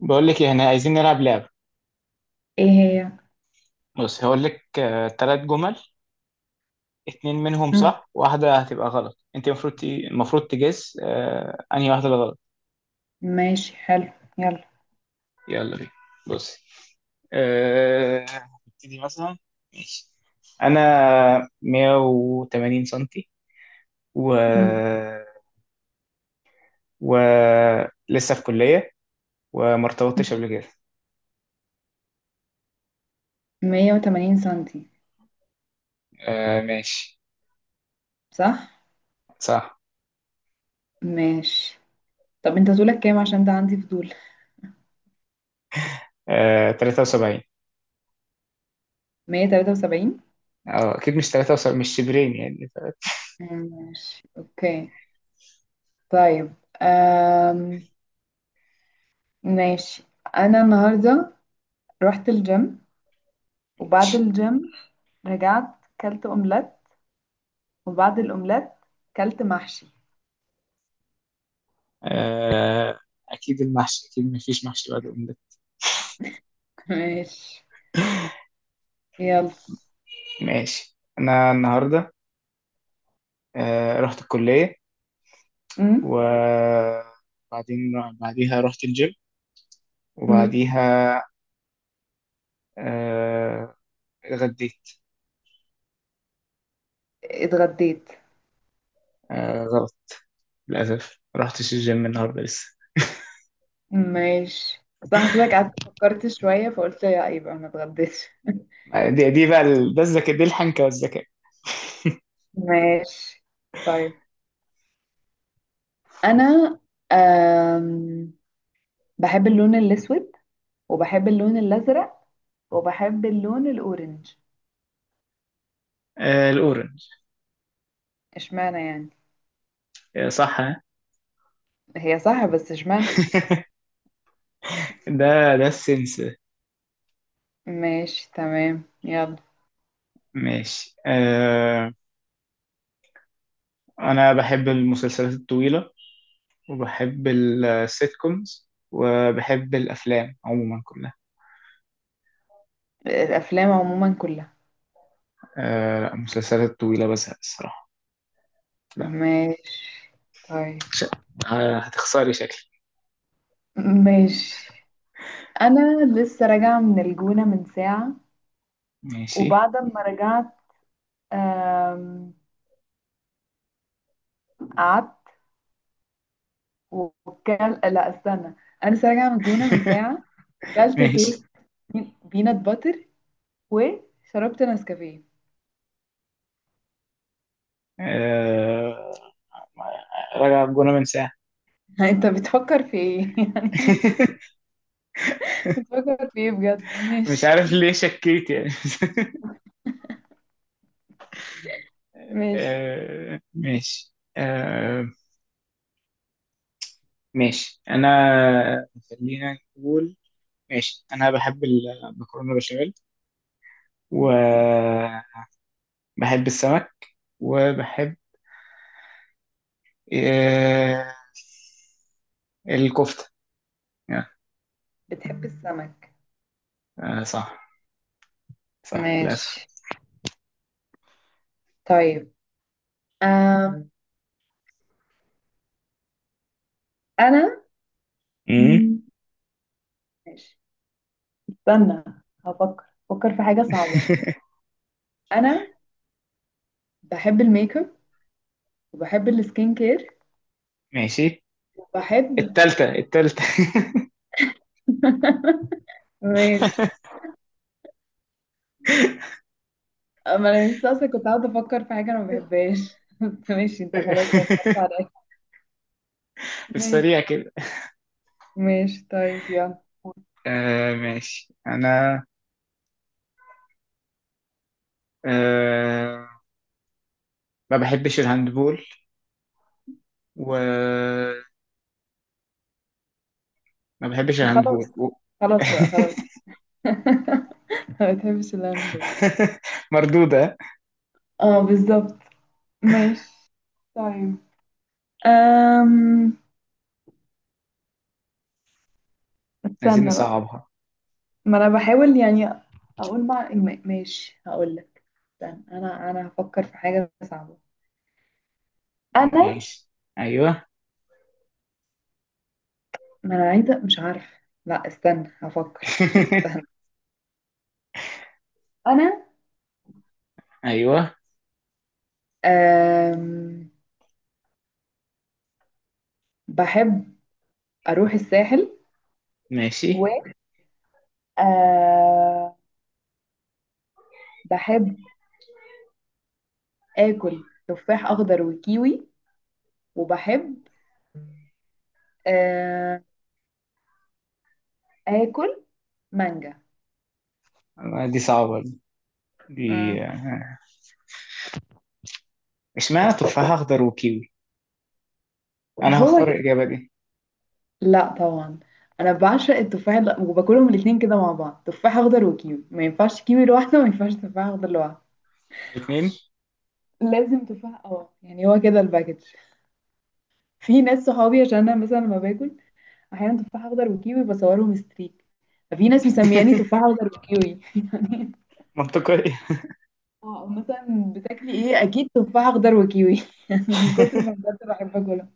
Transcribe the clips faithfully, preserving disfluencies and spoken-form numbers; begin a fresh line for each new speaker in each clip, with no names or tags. بقول لك إيه، احنا عايزين نلعب لعبة.
ايه هي؟
بص هقول لك ثلاث جمل. اتنين منهم
مم.
صح واحدة هتبقى غلط، انت المفروض ت- المفروض تجس آه انهي واحدة اللي غلط.
ماشي، حلو، يلا.
يلا بينا. بصي. آه، نبتدي مثلا. ماشي، انا مية وتمانين سنتي و
مم.
و لسه في كلية وما ارتبطتش قبل كده.
مية وتمانين سنتي،
آه ماشي.
صح.
صح.
ماشي، طب انت طولك كام؟ عشان ده عندي فضول.
آه تلاتة وسبعين.
مئة وثلاثة وسبعين.
اه اكيد مش تلاتة وسبعين، مش شبرين يعني.
ماشي، اوكي، طيب. أم... ماشي. انا النهارده رحت الجيم، وبعد الجيم رجعت، كلت اومليت، وبعد الاومليت كلت محشي.
آه، اكيد المحشي، اكيد مفيش محشي بعد الأومليت.
ماشي، يلا.
ماشي انا النهارده، آه، رحت الكليه
مم.
وبعدين بعديها رحت الجيم
مم.
وبعديها آه، اتغديت.
اتغديت.
آه، غلط. للاسف ما رحتش الجيم النهارده لسه.
ماشي، بس أنا حسيتك قعدت فكرت شوية، فقلت يا يبقى ما اتغديتش.
آه، دي دي بقى ال- ده الذكاء، دي الحنكه والذكاء.
ماشي، طيب. أنا أم... بحب اللون الأسود، وبحب اللون الأزرق، وبحب اللون الأورنج.
آه، الاورنج.
اشمعنى يعني؟
آه، صح ها؟
هي صح، بس اشمعنى؟
ده ده السنس.
ماشي، تمام، يلا.
ماشي. آه، انا بحب المسلسلات الطويله وبحب السيت كومز وبحب الأفلام عموما كلها.
الأفلام عموما كلها؟
آه لا، مسلسلات طويلة بزهق الصراحة، لا.
ماشي، طيب.
ش- آه، هتخسري شكلي.
ماشي، أنا لسه راجعة من الجونة من ساعة،
ماشي.
وبعد ما رجعت أم... قعدت، وكل، لا استنى، انا لسه راجعه من الجونه من ساعه، وكلت توست
ماشي.
بينات باتر، وشربت نسكافيه.
آه... راجع بجونة من ساعة.
انت بتفكر في ايه؟ يعني بتفكر في ايه بجد؟
مش
ماشي.
عارف ليه شكيت يعني.
ماشي،
آه... ماشي. آه... ماشي أنا، خلينا نقول. ماشي أنا بحب المكرونة بشاميل وبحب السمك وبحب إيه، الكفتة يا،
بتحب السمك؟
آه صح. صح للأسف.
ماشي، طيب. أم. انا،
امم
مم، ماشي، استنى، هفكر فكر في حاجه صعبه. انا بحب الميك اب، وبحب السكين كير،
ماشي.
وبحب.
التالتة التالتة
ماشي، ما انا لسه اصلا كنت قاعده افكر في حاجه انا ما بحبهاش، بس ماشي، انت خلاص وفرت عليا.
في
ماشي.
السريع كده.
ماشي، طيب، يلا.
آه ماشي أنا، آه ما بحبش الهاندبول وما بحبش
خلاص،
الهاندبول و...
خلاص بقى، خلاص. ما بتحبش اللامبو؟
مردودة.
اه، بالظبط. ماشي، طيب، أم...
عايزين
استنى بقى.
نصعبها.
ما انا بحاول يعني اقول مع، ما- ماشي هقول لك. استنى، انا انا هفكر في حاجه صعبه. انا
ماشي. أيوه.
ما انا عايزه، مش عارفه. لا استنى، هفكر. انا
أيوه.
أم... بحب اروح الساحل.
ماشي.
و آه بحب اكل تفاح اخضر وكيوي، وبحب آه اكل مانجا.
آه، دي صعبة دي.
مم.
اشمعنى تفاح اخضر وكيوي؟ انا
هو
هختار
ك-
الاجابه دي.
لا طبعا، انا بعشق التفاح ال- وباكلهم الاتنين كده مع بعض، تفاح اخضر وكيوي، ما ينفعش كيوي لوحده، وما ينفعش تفاح اخضر لوحده.
الاثنين
لازم تفاح، اه يعني هو كده الباكج. في ناس صحابي، عشان انا مثلا لما باكل احيانا تفاح اخضر وكيوي بصورهم ستريك، ففي ناس مسمياني تفاح اخضر وكيوي.
منطقيه.
اه، مثلا بتاكلي ايه؟ اكيد تفاح اخضر وكيوي. يعني من كتر ما بجد بحب اكلها.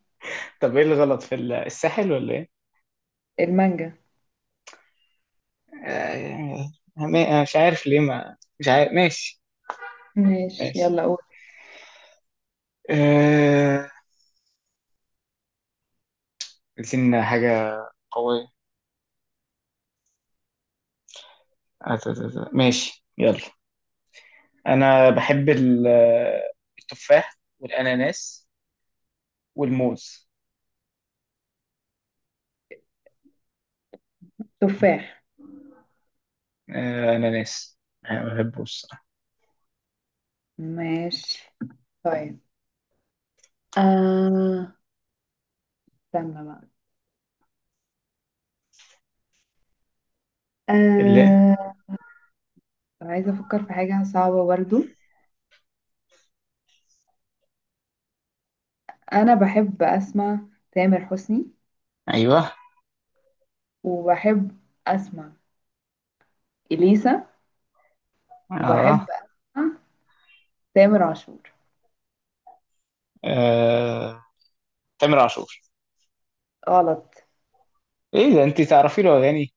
طب ايه الغلط في ال- الساحل ولا ايه؟
المانجا.
آه، ما- مش عارف ليه، ما مش عارف. ماشي.
ماشي،
ماشي.
يلا قول.
آه، عايزين حاجه قويه. آه، ت- ت- ت- ماشي يلا. انا بحب ال- التفاح والاناناس والموز.
تفاح.
آه، اناناس انا بحبه الصراحه.
ماشي، طيب، آه استنى بقى.
اللي،
آه عايزه افكر في حاجه صعبه برضو. انا بحب اسمع تامر حسني،
ايوه.
وبحب اسمع اليسا، وبحب
اه.
اسمع تامر عاشور.
آه، تامر عاشور؟
غلط.
ايه ده، انت تعرفي له اغاني؟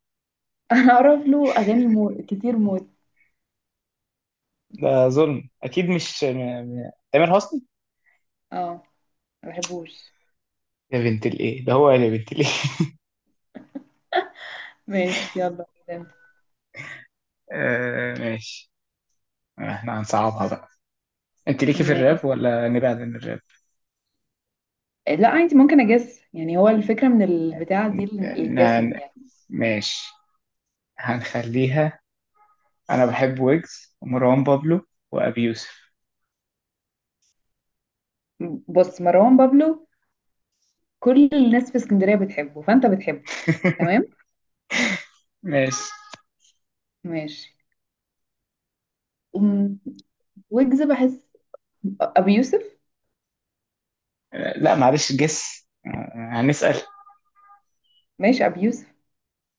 انا اعرف له اغاني مو... كتير موت.
ده ظلم، اكيد مش م... م... تامر حسني.
اه، ما بحبوش.
يا بنت الايه ده، هو يا بنت الايه؟
ماشي، يلا.
آه ماشي. احنا هنصعبها بقى. انت ليكي في الراب
ماشي.
ولا نبعد عن الراب؟
لا عادي، ممكن اجس، يعني هو الفكره من البتاع دي، ال- الجسم دي
ن-
يعني.
ماشي، هنخليها. انا بحب ويجز ومروان بابلو وابي يوسف.
بص، مروان بابلو كل الناس في اسكندريه بتحبه، فانت بتحبه، تمام.
ماشي.
ماشي، أم، ويجز بحس، ابي يوسف.
آه، لا معلش جس آه، هنسأل.
ماشي، ابي يوسف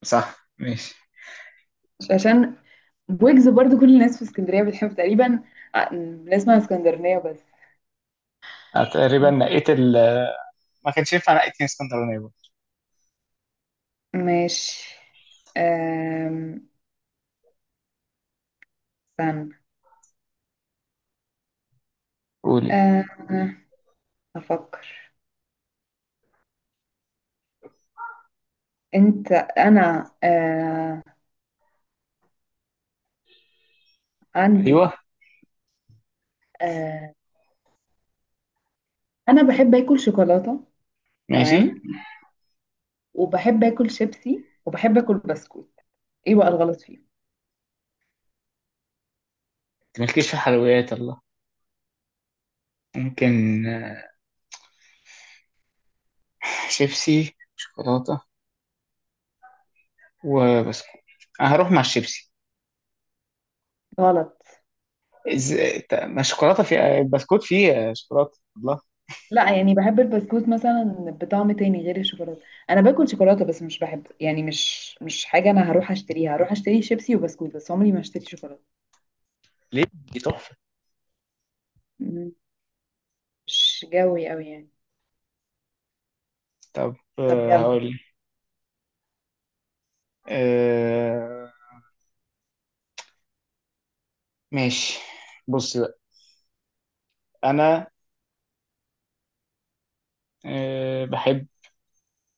صح. ماشي.
عشان ويجز برضو كل الناس في اسكندريه بتحبه تقريبا، ع- بنسمع اسكندرانيه بس.
أنا تقريبا نقيت ال، ما كانش ينفع، نقيت من اسكندرانية برضه.
ماشي، أم، استنى،
قولي.
أه، افكر. انت انا أه، عندي،
ايوه.
آه، انا بحب اكل شوكولاته.
ماشي. انت
تمام، وبحب اكل شيبسي، وبحب اكل بسكوت. ايه بقى الغلط فيه؟
مالكيش في حلويات الله. ممكن آه، شيبسي، شوكولاتة، وبسكوت. أنا هروح مع الشيبسي.
غلط.
إز... ت- ما الشوكولاتة فيها البسكوت فيه شوكولاتة الله.
لا، يعني بحب البسكوت مثلا بطعم تاني غير الشوكولاته. انا باكل شوكولاته، بس مش بحب يعني، مش مش حاجه انا هروح اشتريها، هروح اشتري شيبسي وبسكوت بس، عمري ما اشتري شوكولاته.
ليه، دي تحفة.
م- مش جوي قوي يعني.
طب
طب
آه،
يلا.
هقول لك. آه... ماشي. بص بقى أنا، آه... بحب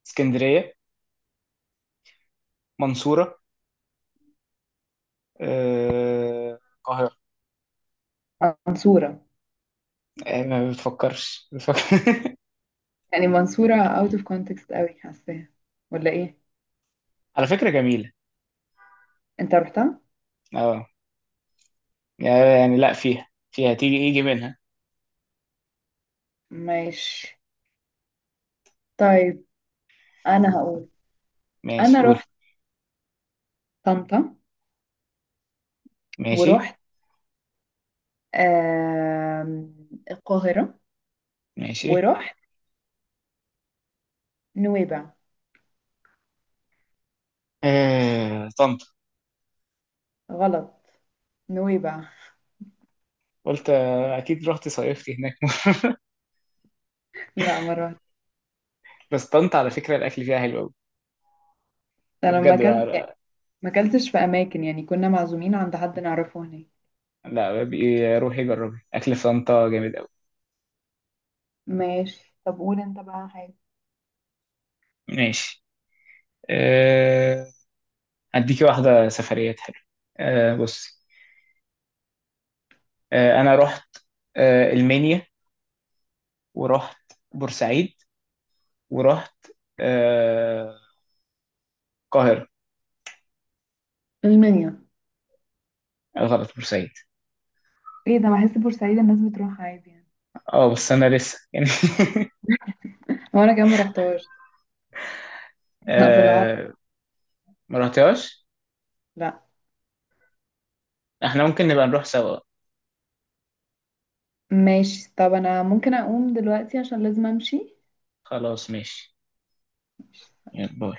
اسكندرية، منصورة، آه، القاهرة.
منصوره؟
آه، ما بتفكرش بتفكر.
يعني منصوره اوت اوف كونتكست قوي، حاساها ولا ايه؟
على فكرة جميلة.
انت رحتها؟
اه يعني، لا فيها، فيها تيجي يجي منها.
ماشي، طيب، انا هقول. انا
ماشي قول.
رحت طنطا،
ماشي.
ورحت آم، القاهرة،
ماشي.
ورحت نويبع.
آه... طنطا؟
غلط. نويبع.
قلت آه، اكيد رحت صيفتي هناك.
لا، ما رحت.
بس طنطا على فكره الاكل فيها حلو قوي.
انا ما
بجد
اكلت،
بقى.
ما اكلتش في اماكن، يعني كنا معزومين عند حد نعرفه هناك.
لا بقى، روحي جربي اكل في طنطا جامد قوي.
ماشي، طب قول انت بقى حاجة.
ماشي. أه... هديكي واحده سفريات حلوه. أه بصي. أه انا رحت أه المنيا ورحت بورسعيد ورحت أه القاهره.
المنيا؟
آه، غلط بورسعيد.
ايه ده، بحس بورسعيد الناس بتروح عادي يعني.
اه بس انا لسه يعني.
هو انا كمان ما رحتهاش. ابو العرب.
أه ما رحتهاش.
لا.
احنا ممكن نبقى نروح سوا.
ماشي، طب انا ممكن اقوم دلوقتي عشان لازم امشي.
خلاص ماشي. يلا باي.